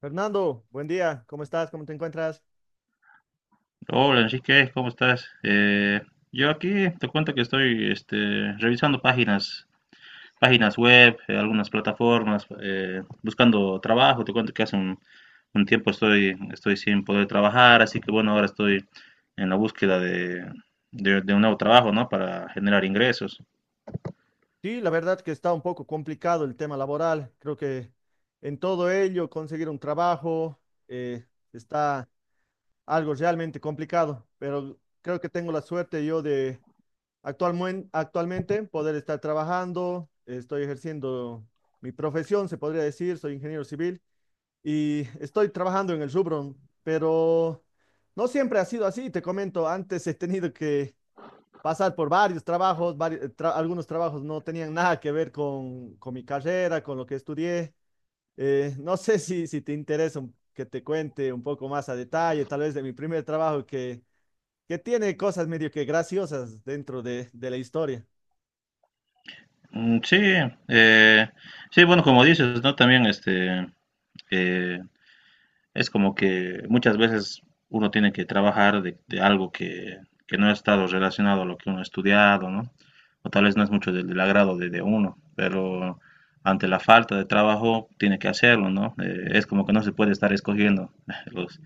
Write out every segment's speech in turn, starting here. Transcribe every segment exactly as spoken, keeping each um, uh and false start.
Fernando, buen día. ¿Cómo estás? ¿Cómo te encuentras? Hola Enrique, ¿cómo estás? Eh, yo aquí te cuento que estoy este, revisando páginas, páginas web, eh, algunas plataformas, eh, buscando trabajo. Te cuento que hace un, un tiempo estoy, estoy sin poder trabajar, así que bueno, ahora estoy en la búsqueda de, de- de un nuevo trabajo, ¿no? Para generar ingresos. Sí, la verdad que está un poco complicado el tema laboral. Creo que en todo ello conseguir un trabajo eh, está algo realmente complicado, pero creo que tengo la suerte yo de actualmen- actualmente poder estar trabajando. Estoy ejerciendo mi profesión, se podría decir, soy ingeniero civil y estoy trabajando en el rubro, pero no siempre ha sido así. Te comento, antes he tenido que pasar por varios trabajos, vari- eh, tra- algunos trabajos no tenían nada que ver con, con mi carrera, con lo que estudié. Eh, no sé si, si te interesa un- que te cuente un poco más a detalle, tal vez de mi primer trabajo que, que tiene cosas medio que graciosas dentro de, de la historia. Mm, sí, eh, sí, bueno, como dices, ¿no? También este, eh, es como que muchas veces uno tiene que trabajar de, de algo que, que no ha estado relacionado a lo que uno ha estudiado, ¿no? O tal vez no es mucho del, del agrado de, de uno, pero ante la falta de trabajo tiene que hacerlo, ¿no? Eh, es como que no se puede estar escogiendo los,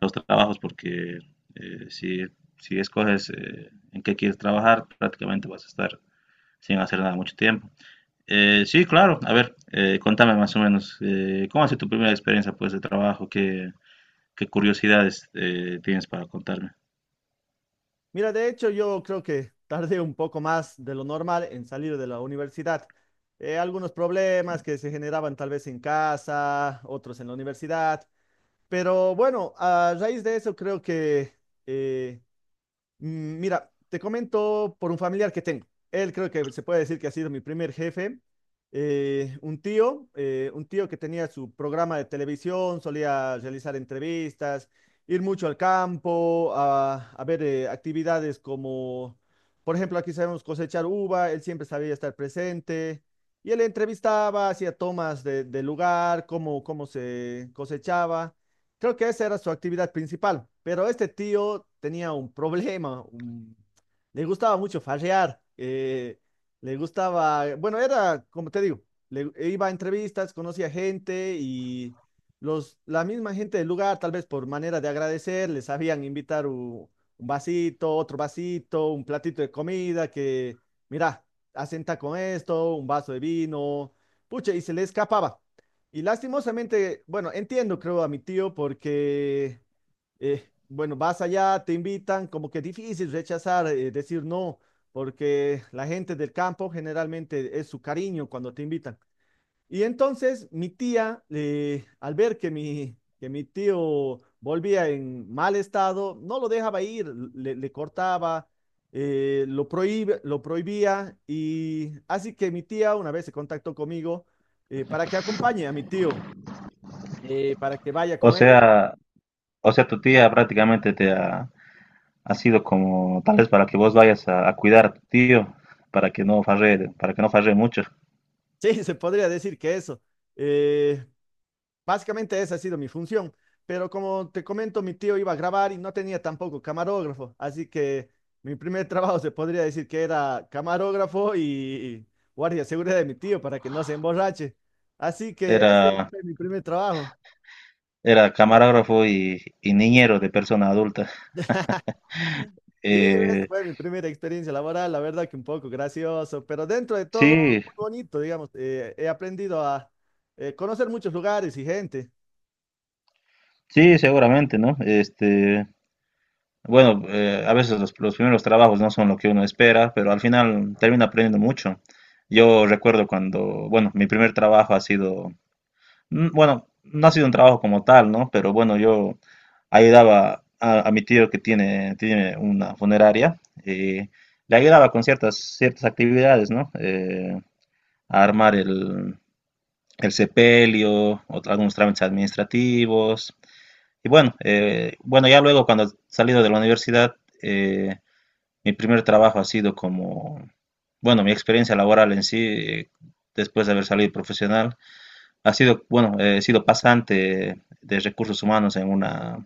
los trabajos porque eh, si, si escoges eh, en qué quieres trabajar, prácticamente vas a estar sin hacer nada mucho tiempo. Eh, sí, claro, a ver, eh, contame más o menos, eh, ¿cómo ha sido tu primera experiencia pues de trabajo? ¿Qué, ¿Qué curiosidades eh, tienes para contarme? Mira, de hecho yo creo que tardé un poco más de lo normal en salir de la universidad. Eh, algunos problemas que se generaban tal vez en casa, otros en la universidad. Pero bueno, a raíz de eso creo que eh, Mm, mira, te comento por un familiar que tengo. Él creo que se puede decir que ha sido mi primer jefe. Eh, un tío, eh, un tío que tenía su programa de televisión, solía realizar entrevistas, ir mucho al campo, a, a ver eh, actividades como, por ejemplo, aquí sabemos cosechar uva, él siempre sabía estar presente. Y él entrevistaba, hacía tomas de, del lugar, cómo, cómo se cosechaba. Creo que esa era su actividad principal, pero este tío tenía un problema, un- le gustaba mucho farrear, eh, le gustaba, bueno, era, como te digo, le iba a entrevistas, conocía gente y los, la misma gente del lugar, tal vez por manera de agradecer, les sabían invitar u- un vasito, otro vasito, un platito de comida que, mira, asenta con esto, un vaso de vino, pucha, y se le escapaba. Y lastimosamente, bueno, entiendo, creo, a mi tío porque, eh, bueno, vas allá, te invitan, como que difícil rechazar, eh, decir no, porque la gente del campo generalmente es su cariño cuando te invitan. Y entonces mi tía, eh, al ver que mi, que mi tío volvía en mal estado, no lo dejaba ir, le, le cortaba, eh, lo prohíbe- lo prohibía. Y así que mi tía una vez se contactó conmigo eh, para que acompañe a mi tío eh, para que vaya O con él. sea, o sea, tu tía prácticamente te ha, ha sido como tal vez para que vos vayas a, a cuidar a tu tío para que no farre, para que no farre mucho. Sí, se podría decir que eso. Eh, Básicamente esa ha sido mi función, pero como te comento, mi tío iba a grabar y no tenía tampoco camarógrafo, así que mi primer trabajo se podría decir que era camarógrafo y, y guardia de seguridad de mi tío para que no se emborrache. Así que ese Era, fue mi primer trabajo. Era camarógrafo y, y niñero de persona adulta. Sí, esa Eh, fue mi primera experiencia laboral, la verdad que un poco gracioso, pero dentro de todo, sí, muy bonito, digamos. Eh, he aprendido a eh, conocer muchos lugares y gente. sí, seguramente, ¿no? Este, bueno, eh, a veces los, los primeros trabajos no son lo que uno espera, pero al final termina aprendiendo mucho. Yo recuerdo cuando, bueno, mi primer trabajo ha sido mm, bueno, no ha sido un trabajo como tal, ¿no? Pero bueno, yo ayudaba a, a mi tío que tiene, tiene una funeraria, eh, le ayudaba con ciertas, ciertas actividades, ¿no? Eh, a armar el, el sepelio, otro- algunos trámites administrativos. Y bueno, eh, bueno, ya luego cuando he salido de la universidad, eh, mi primer trabajo ha sido como, bueno, mi experiencia laboral en sí, eh, después de haber salido profesional ha sido, bueno, eh, he sido pasante de recursos humanos en una,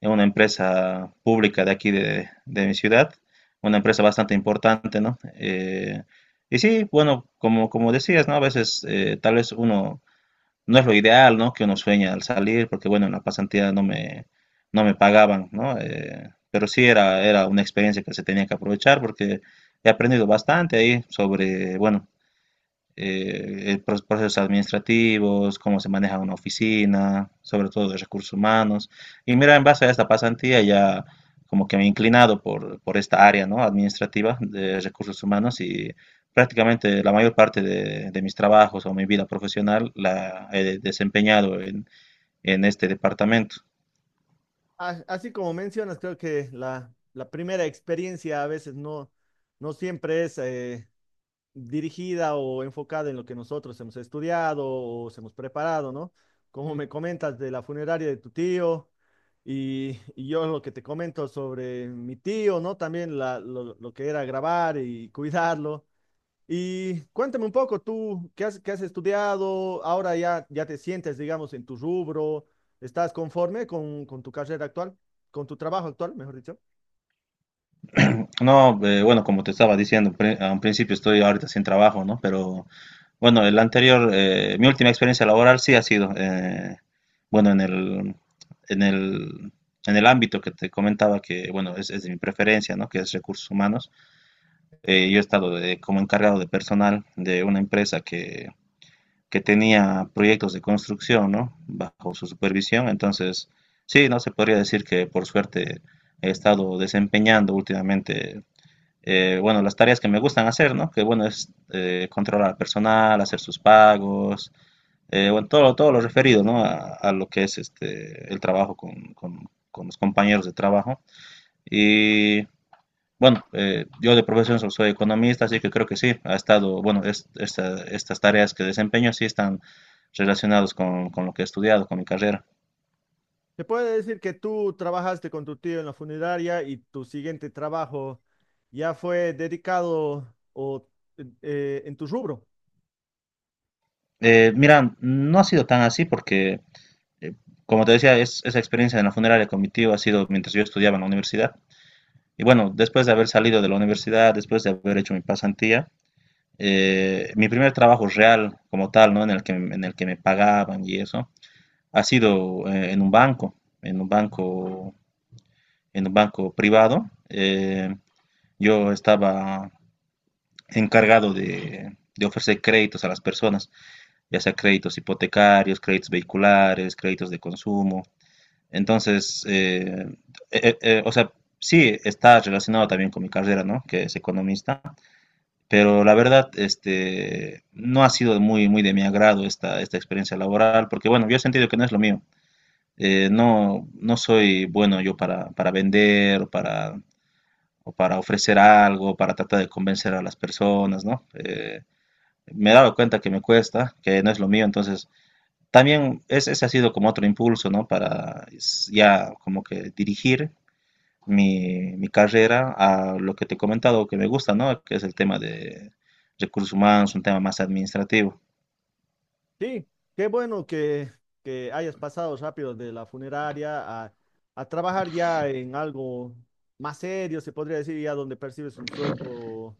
en una empresa pública de aquí de, de mi ciudad, una empresa bastante importante, ¿no? Eh, y sí, bueno, como, como decías, ¿no? A veces eh, tal vez uno no es lo ideal, ¿no? Que uno sueña al salir, porque bueno, en la pasantía no me, no me pagaban, ¿no? Eh, pero sí era, era una experiencia que se tenía que aprovechar porque he aprendido bastante ahí sobre, bueno, eh, eh, pro- procesos administrativos, cómo se maneja una oficina, sobre todo de recursos humanos. Y mira, en base a esta pasantía ya como que me he inclinado por, por esta área, ¿no? Administrativa de recursos humanos y prácticamente la mayor parte de, de mis trabajos o mi vida profesional la he desempeñado en, en este departamento. A- así como mencionas, creo que la, la primera experiencia a veces no, no siempre es eh, dirigida o enfocada en lo que nosotros hemos estudiado o se hemos preparado, ¿no? Como me comentas de la funeraria de tu tío y, y yo lo que te comento sobre mi tío, ¿no? También la- lo, lo que era grabar y cuidarlo. Y cuéntame un poco, tú, ¿qué has, qué has estudiado? Ahora ya, ya te sientes, digamos, en tu rubro, ¿estás conforme con, con tu carrera actual, con tu trabajo actual, mejor dicho? No, eh, bueno, como te estaba diciendo, pre- a un principio estoy ahorita sin trabajo, ¿no? Pero bueno, el anterior, eh, mi última experiencia laboral sí ha sido, eh, bueno, en el, en el, en el ámbito que te comentaba que, bueno, es, es de mi preferencia, ¿no? Que es recursos humanos. Eh, yo he estado de- como encargado de personal de una empresa que, que tenía proyectos de construcción, ¿no? Bajo su supervisión. Entonces, sí, no se podría decir que por suerte he estado desempeñando últimamente eh, bueno, las tareas que me gustan hacer, ¿no? Que bueno, es eh, controlar al personal, hacer sus pagos, eh, bueno, todo, todo lo referido, ¿no? A, a lo que es este, el trabajo con, con- con los compañeros de trabajo. Y bueno, eh, yo de profesión so- soy economista, así que creo que sí, ha estado, bueno, es- esta- estas tareas que desempeño sí están relacionadas con, con lo que he estudiado, con mi carrera. ¿Se puede decir que tú trabajaste con tu tío en la funeraria y tu siguiente trabajo ya fue dedicado o, eh, en tu rubro? Eh, mira, no ha sido tan así porque, eh, como te decía, es- esa experiencia en la funeraria cognitiva ha sido mientras yo estudiaba en la universidad. Y bueno, después de haber salido de la universidad, después de haber hecho mi pasantía, eh, mi primer trabajo real como tal, ¿no? En el que, en el que me pagaban y eso, ha sido eh, en un banco, en un banco, en un banco privado. Eh, yo estaba encargado de, de ofrecer créditos a las personas, ya sea créditos hipotecarios, créditos vehiculares, créditos de consumo. Entonces, eh, eh, eh, o sea, sí está relacionado también con mi carrera, ¿no? Que es economista, pero la verdad, este, no ha sido muy, muy de mi agrado esta, esta experiencia laboral, porque bueno, yo he sentido que no es lo mío. Eh, no, no soy bueno yo para, para vender, o para, o para ofrecer algo, para tratar de convencer a las personas, ¿no? Eh, me he dado cuenta que me cuesta, que no es lo mío, entonces también es, ese ha sido como otro impulso, ¿no? Para s- ya como que dirigir mi, mi carrera a lo que te he comentado que me gusta, ¿no? Que es el tema de recursos humanos, un tema más administrativo. Sí, qué bueno que, que hayas pasado rápido de la funeraria a, a trabajar ya en algo más serio, se podría decir, ya donde percibes un sueldo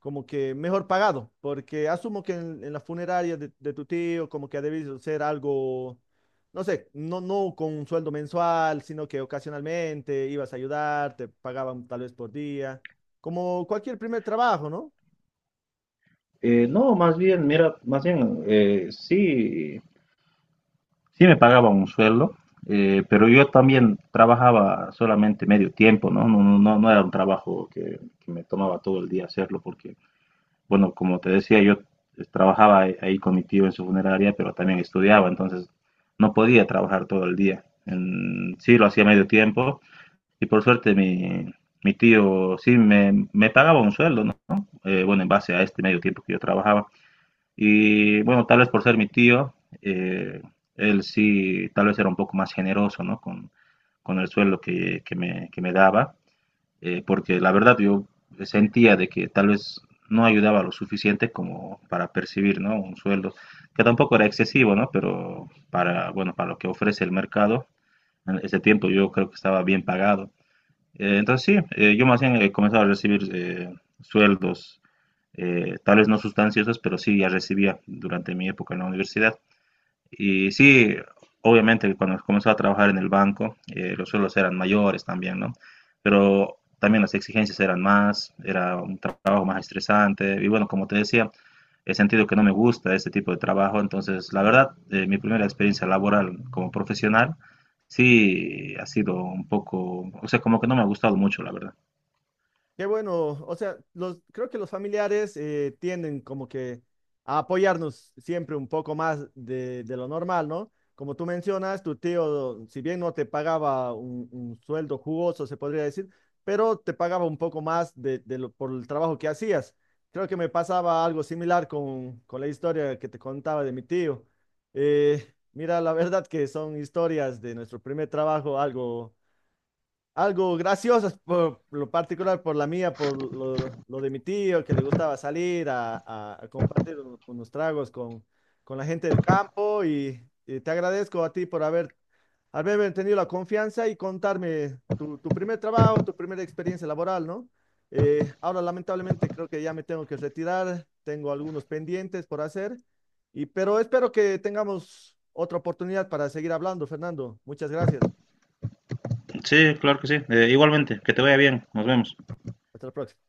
como que mejor pagado, porque asumo que en, en la funeraria de, de tu tío como que ha debido ser algo, no sé, no, no con un sueldo mensual, sino que ocasionalmente ibas a ayudar, te pagaban tal vez por día, como cualquier primer trabajo, ¿no? Eh, no, más bien, mira, más bien, eh, sí, sí me pagaban un sueldo, eh, pero yo también trabajaba solamente medio tiempo, ¿no? No, no, no- no era un trabajo que, que me tomaba todo el día hacerlo, porque, bueno, como te decía, yo trabajaba ahí ahí con mi tío en su funeraria, pero también estudiaba, entonces no podía trabajar todo el día. En- sí, lo hacía medio tiempo. Y por suerte mi, mi tío sí me, me pagaba un sueldo, ¿no? Eh, bueno, en base a este medio tiempo que yo trabajaba. Y bueno, tal vez por ser mi tío, eh, él sí, tal vez era un poco más generoso, ¿no? Con, con el sueldo que, que me, que me daba, eh, porque la verdad yo sentía de que tal vez no ayudaba lo suficiente como para percibir, ¿no? Un sueldo que tampoco era excesivo, ¿no? Pero para, bueno, para lo que ofrece el mercado, en ese tiempo yo creo que estaba bien pagado. Eh, entonces sí, eh, yo más bien he comenzado a recibir eh, sueldos, eh, tal vez no sustanciosos, pero sí ya recibía durante mi época en la universidad. Y sí, obviamente cuando comenzó a trabajar en el banco, eh, los sueldos eran mayores también, ¿no? Pero también las exigencias eran más, era un tra- trabajo más estresante. Y bueno, como te decía, he sentido que no me gusta este tipo de trabajo. Entonces, la verdad, eh, mi primera experiencia laboral como profesional sí ha sido un poco, o sea, como que no me ha gustado mucho, la verdad. Qué bueno, o sea, los, creo que los familiares eh, tienden como que a apoyarnos siempre un poco más de, de lo normal, ¿no? Como tú mencionas, tu tío, si bien no te pagaba un, un sueldo jugoso, se podría decir, pero te pagaba un poco más de, de lo- por el trabajo que hacías. Creo que me pasaba algo similar con, con la historia que te contaba de mi tío. Eh, Mira, la verdad que son historias de nuestro primer trabajo, algo algo graciosas por lo particular, por la mía, por lo, lo de mi tío, que le gustaba salir a, a- a compartir un- unos tragos con, con la gente del campo y, y te agradezco a ti por haber, haberme tenido la confianza y contarme tu, tu primer trabajo, tu primera experiencia laboral, ¿no? Eh, ahora lamentablemente creo que ya me tengo que retirar, tengo algunos pendientes por hacer, y, pero espero que tengamos otra oportunidad para seguir hablando, Fernando. Muchas gracias. Sí, claro que sí. Eh, igualmente, que te vaya bien. Nos vemos. Hasta la próxima.